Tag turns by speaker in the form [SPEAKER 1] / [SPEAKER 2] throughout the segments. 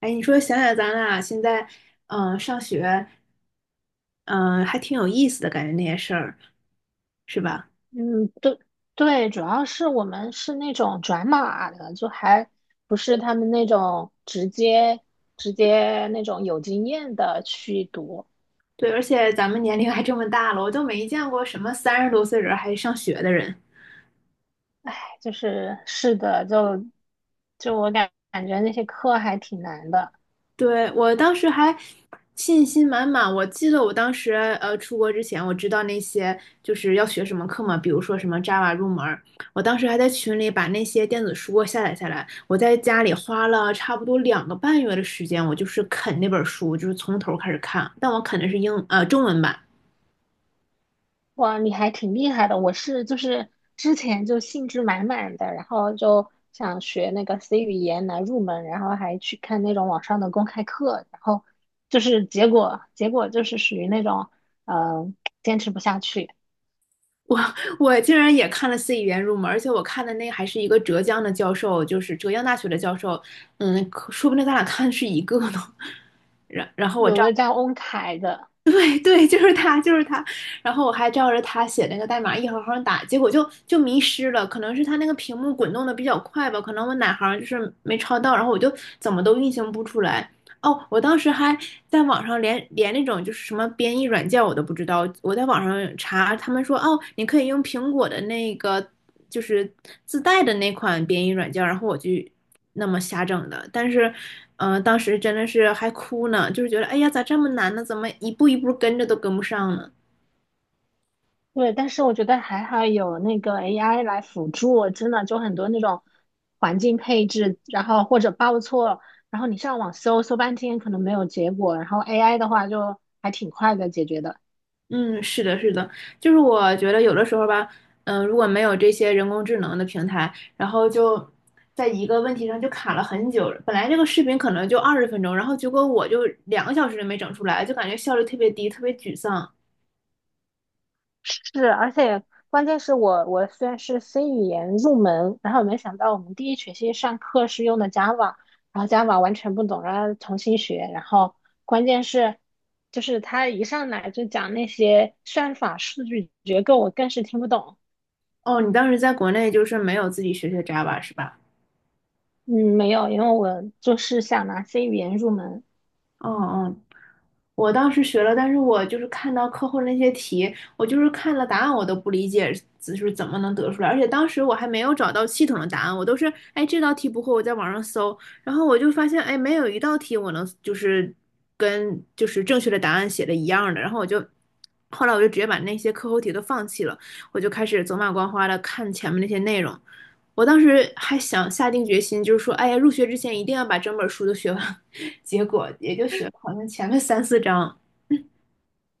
[SPEAKER 1] 哎，你说想想咱俩现在，上学，嗯、还挺有意思的感觉那些事儿，是吧？
[SPEAKER 2] 嗯，对对，主要是我们是那种转码的，就还不是他们那种直接那种有经验的去读，
[SPEAKER 1] 对，而且咱们年龄还这么大了，我都没见过什么30多岁人还上学的人。
[SPEAKER 2] 哎就是是的，就我感觉那些课还挺难的。
[SPEAKER 1] 对，我当时还信心满满。我记得我当时出国之前，我知道那些就是要学什么课嘛，比如说什么 Java 入门儿，我当时还在群里把那些电子书下载下来。我在家里花了差不多2个半月的时间，我就是啃那本书，就是从头开始看。但我啃的是中文版，
[SPEAKER 2] 哇，你还挺厉害的。我是就是之前就兴致满满的，然后就想学那个 C 语言来入门，然后还去看那种网上的公开课，然后就是结果就是属于那种呃坚持不下去。
[SPEAKER 1] 我我竟然也看了 C 语言入门，而且我看的那还是一个浙江的教授，就是浙江大学的教授，嗯，可说不定咱俩看的是一个呢。然然后我
[SPEAKER 2] 有
[SPEAKER 1] 丈
[SPEAKER 2] 个叫翁凯的，
[SPEAKER 1] 对对，就是他，就是他。然后我还照着他写那个代码一行行打，结果就迷失了。可能是他那个屏幕滚动的比较快吧，可能我哪行就是没抄到，然后我就怎么都运行不出来。哦，我当时还在网上连那种就是什么编译软件我都不知道，我在网上查，他们说哦，你可以用苹果的那个就是自带的那款编译软件，然后我就那么瞎整的。但是，当时真的是还哭呢，就是觉得哎呀，咋这么难呢？怎么一步一步跟着都跟不上呢？
[SPEAKER 2] 对，但是我觉得还好有那个 AI 来辅助，真的就很多那种环境配置，然后或者报错。然后你上网搜搜半天，可能没有结果，然后 AI 的话就还挺快的解决的。
[SPEAKER 1] 嗯，是的，是的，就是我觉得有的时候吧，如果没有这些人工智能的平台，然后就在一个问题上就卡了很久。本来这个视频可能就20分钟，然后结果我就2个小时都没整出来，就感觉效率特别低，特别沮丧。
[SPEAKER 2] 是，而且关键是我虽然是 C 语言入门，然后没想到我们第一学期上课是用的 Java,然后 Java 完全不懂，然后重新学，然后关键是就是他一上来就讲那些算法、数据结构，我更是听不懂。
[SPEAKER 1] 哦，你当时在国内就是没有自己学学 Java 是吧？
[SPEAKER 2] 嗯，没有，因为我就是想拿 C 语言入门。
[SPEAKER 1] 嗯嗯，我当时学了，但是我就是看到课后那些题，我就是看了答案，我都不理解，就是怎么能得出来。而且当时我还没有找到系统的答案，我都是，哎，这道题不会，我在网上搜，然后我就发现，哎，没有一道题我能就是跟就是正确的答案写的一样的，然后我就。后来我就直接把那些课后题都放弃了，我就开始走马观花的看前面那些内容。我当时还想下定决心，就是说，哎呀，入学之前一定要把整本书都学完。结果也就学了好像前面三四章。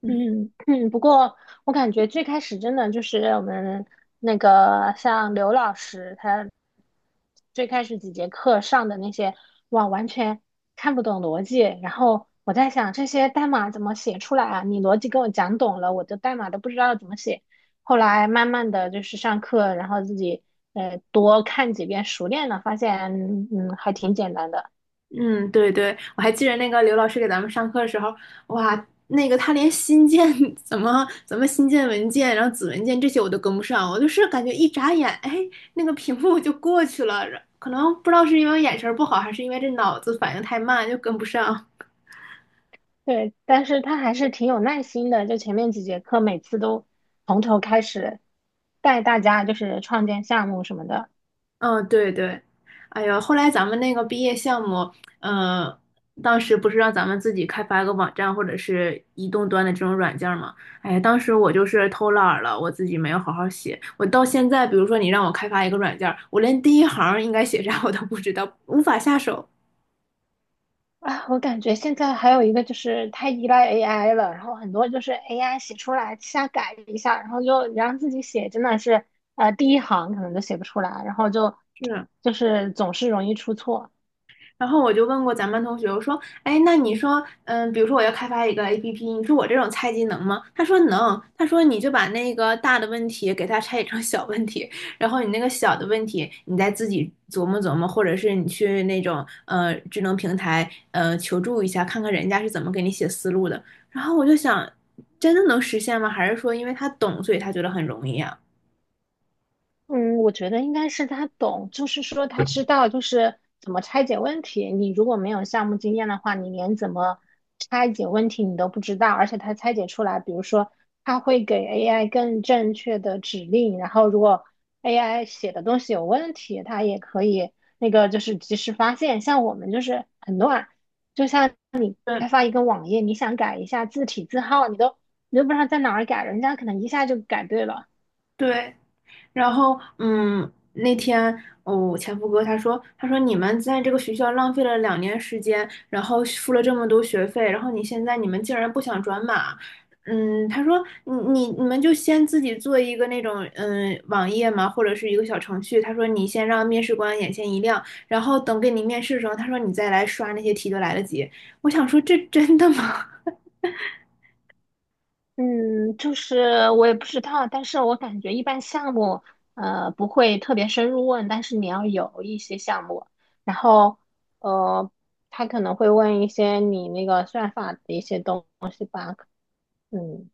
[SPEAKER 2] 嗯嗯，不过我感觉最开始真的就是我们那个像刘老师，他最开始几节课上的那些，哇，完全看不懂逻辑。然后我在想，这些代码怎么写出来啊？你逻辑给我讲懂了，我的代码都不知道怎么写。后来慢慢的就是上课，然后自己多看几遍，熟练了，发现嗯还挺简单的。
[SPEAKER 1] 嗯，对对，我还记得那个刘老师给咱们上课的时候，哇，那个他连新建 怎么新建文件，然后子文件这些我都跟不上，我就是感觉一眨眼，哎，那个屏幕就过去了。可能不知道是因为眼神不好，还是因为这脑子反应太慢，就跟不上。
[SPEAKER 2] 对，但是他还是挺有耐心的，就前面几节课每次都从头开始带大家就是创建项目什么的
[SPEAKER 1] 嗯，对对，哎呀，后来咱们那个毕业项目，呃，当时不是让咱们自己开发一个网站或者是移动端的这种软件儿吗？哎呀，当时我就是偷懒儿了，我自己没有好好写。我到现在，比如说你让我开发一个软件儿，我连第一行儿应该写啥我都不知道，无法下手。
[SPEAKER 2] 啊。我感觉现在还有一个就是太依赖 AI 了，然后很多就是 AI 写出来瞎改一下，然后就让自己写真的是第一行可能都写不出来，然后就
[SPEAKER 1] 是，
[SPEAKER 2] 就是总是容易出错。
[SPEAKER 1] 然后我就问过咱班同学，我说，哎，那你说，比如说我要开发一个 APP，你说我这种菜鸡能吗？他说能，他说你就把那个大的问题给它拆解成小问题，然后你那个小的问题，你再自己琢磨琢磨，或者是你去那种智能平台求助一下，看看人家是怎么给你写思路的。然后我就想，真的能实现吗？还是说因为他懂，所以他觉得很容易啊？
[SPEAKER 2] 嗯，我觉得应该是他懂，就是说他知道就是怎么拆解问题。你如果没有项目经验的话，你连怎么拆解问题你都不知道，而且他拆解出来，比如说他会给 AI 更正确的指令，然后如果 AI 写的东西有问题，它也可以那个就是及时发现。像我们就是很乱，就像
[SPEAKER 1] 对
[SPEAKER 2] 开发一个网页，你想改一下字体字号，你都不知道在哪儿改，人家可能一下就改对了。
[SPEAKER 1] 对，然后，那天，哦，前夫哥他说，他说你们在这个学校浪费了2年时间，然后付了这么多学费，然后你现在你们竟然不想转码，嗯，他说你们就先自己做一个那种网页嘛，或者是一个小程序，他说你先让面试官眼前一亮，然后等给你面试的时候，他说你再来刷那些题都来得及。我想说这真的吗？
[SPEAKER 2] 嗯，就是我也不知道，但是我感觉一般项目，呃，不会特别深入问，但是你要有一些项目，然后，呃，他可能会问一些你那个算法的一些东西吧，嗯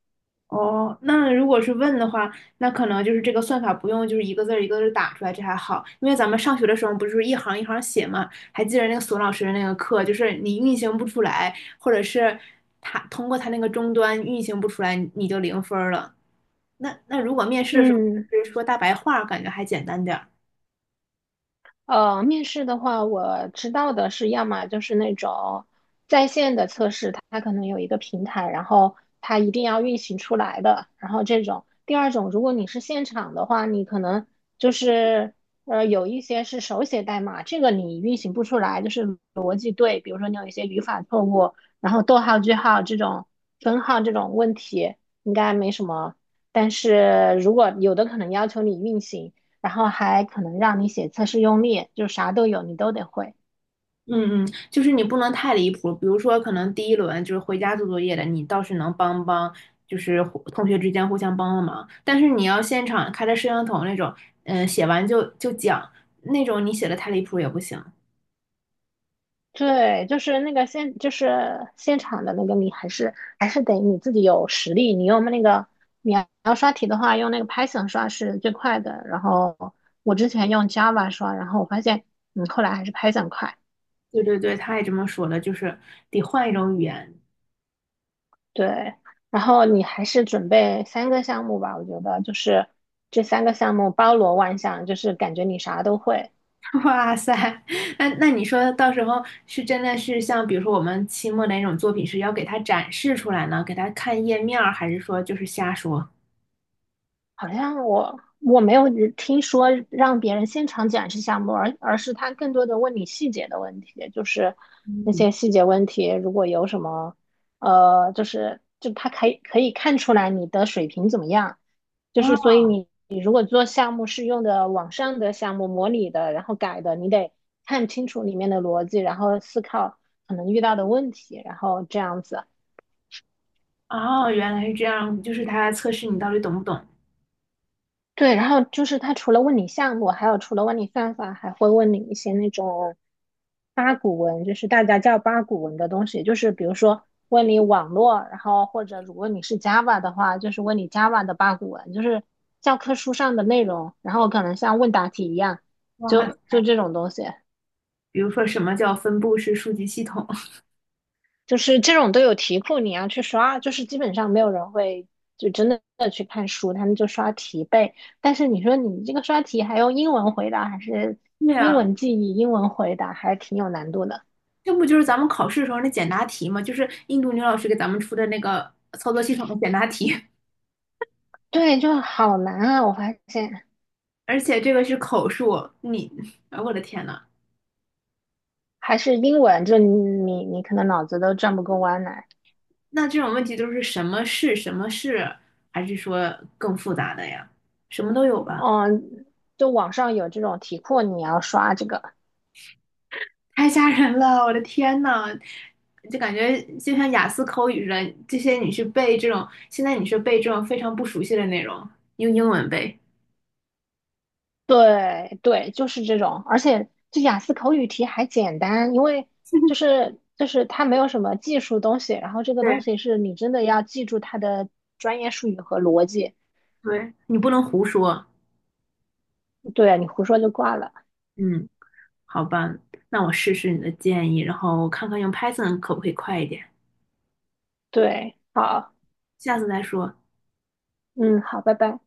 [SPEAKER 1] 哦，那如果是问的话，那可能就是这个算法不用就是一个字儿一个字儿打出来，这还好，因为咱们上学的时候不是一行一行写嘛，还记得那个索老师的那个课，就是你运行不出来，或者是他通过他那个终端运行不出来，你就0分儿了。那如果面试的时候
[SPEAKER 2] 嗯。
[SPEAKER 1] 就是说大白话儿感觉还简单点儿。
[SPEAKER 2] 面试的话，我知道的是，要么就是那种在线的测试，它可能有一个平台，然后它一定要运行出来的，然后这种。第二种，如果你是现场的话，你可能就是有一些是手写代码，这个你运行不出来，就是逻辑对，比如说你有一些语法错误，然后逗号、句号这种分号这种问题应该没什么，但是如果有的可能要求你运行。然后还可能让你写测试用例，就啥都有，你都得会。
[SPEAKER 1] 嗯嗯，就是你不能太离谱，比如说可能第一轮就是回家做作业的，你倒是能帮帮，就是同学之间互相帮帮忙。但是你要现场开着摄像头那种，写完就讲那种，你写的太离谱也不行。
[SPEAKER 2] 对，就是那个现，就是现场的那个，你还是得你自己有实力。你用那个，你要刷题的话，用那个 Python 刷是最快的。然后我之前用 Java 刷，然后我发现，嗯，后来还是 Python 快。
[SPEAKER 1] 对对对，他也这么说了，就是得换一种语言。
[SPEAKER 2] 对，然后你还是准备三个项目吧，我觉得就是这三个项目包罗万象，就是感觉你啥都会。
[SPEAKER 1] 哇塞，那你说到时候是真的是像比如说我们期末的那种作品是要给他展示出来呢，给他看页面儿，还是说就是瞎说？
[SPEAKER 2] 好像我没有听说让别人现场展示项目，而是他更多的问你细节的问题，就是那
[SPEAKER 1] 嗯。
[SPEAKER 2] 些细节问题，如果有什么，呃，就他可以看出来你的水平怎么样，就
[SPEAKER 1] 啊，
[SPEAKER 2] 是所以你如果做项目是用的网上的项目模拟的，然后改的，你得看清楚里面的逻辑，然后思考可能遇到的问题，然后这样子。
[SPEAKER 1] 哦，原来是这样，就是它来测试你到底懂不懂。
[SPEAKER 2] 对，然后就是他除了问你项目，还有除了问你算法，还会问你一些那种八股文就是大家叫八股文的东西，就是比如说问你网络，然后或者如果你是 Java 的话，就是问你 Java 的八股文，就是教科书上的内容，然后可能像问答题一样，
[SPEAKER 1] 哇，
[SPEAKER 2] 就这种东西，
[SPEAKER 1] 比如说什么叫分布式数据系统？
[SPEAKER 2] 就是这种都有题库，你要去刷，就是基本上没有人会就真的去看书，他们就刷题背。但是你说你这个刷题还用英文回答，还是
[SPEAKER 1] 对
[SPEAKER 2] 英
[SPEAKER 1] 呀，
[SPEAKER 2] 文记忆、英文回答，还挺有难度的。
[SPEAKER 1] 这不就是咱们考试的时候那简答题吗？就是印度女老师给咱们出的那个操作系统的简答题，
[SPEAKER 2] 对，就好难啊！我发现。
[SPEAKER 1] 而且这个是口述。你，哎，我的天呐，
[SPEAKER 2] 还是英文，就你可能脑子都转不过弯来。
[SPEAKER 1] 那这种问题都是什么是什么是，还是说更复杂的呀？什么都有吧。
[SPEAKER 2] 嗯，就网上有这种题库，你要刷这个。
[SPEAKER 1] 太吓人了！我的天呐，就感觉就像雅思口语似的，这些你去背这种，现在你去背这种非常不熟悉的内容，用英文背。
[SPEAKER 2] 对对，就是这种，而且这雅思口语题还简单，因为就是它没有什么技术东西，然后这个东
[SPEAKER 1] 对
[SPEAKER 2] 西是你真的要记住它的专业术语和逻辑，
[SPEAKER 1] 对，你不能胡说。
[SPEAKER 2] 对，你胡说就挂了。
[SPEAKER 1] 嗯，好吧，那我试试你的建议，然后看看用 Python 可不可以快一点。
[SPEAKER 2] 对，好，
[SPEAKER 1] 下次再说。
[SPEAKER 2] 嗯，好，拜拜。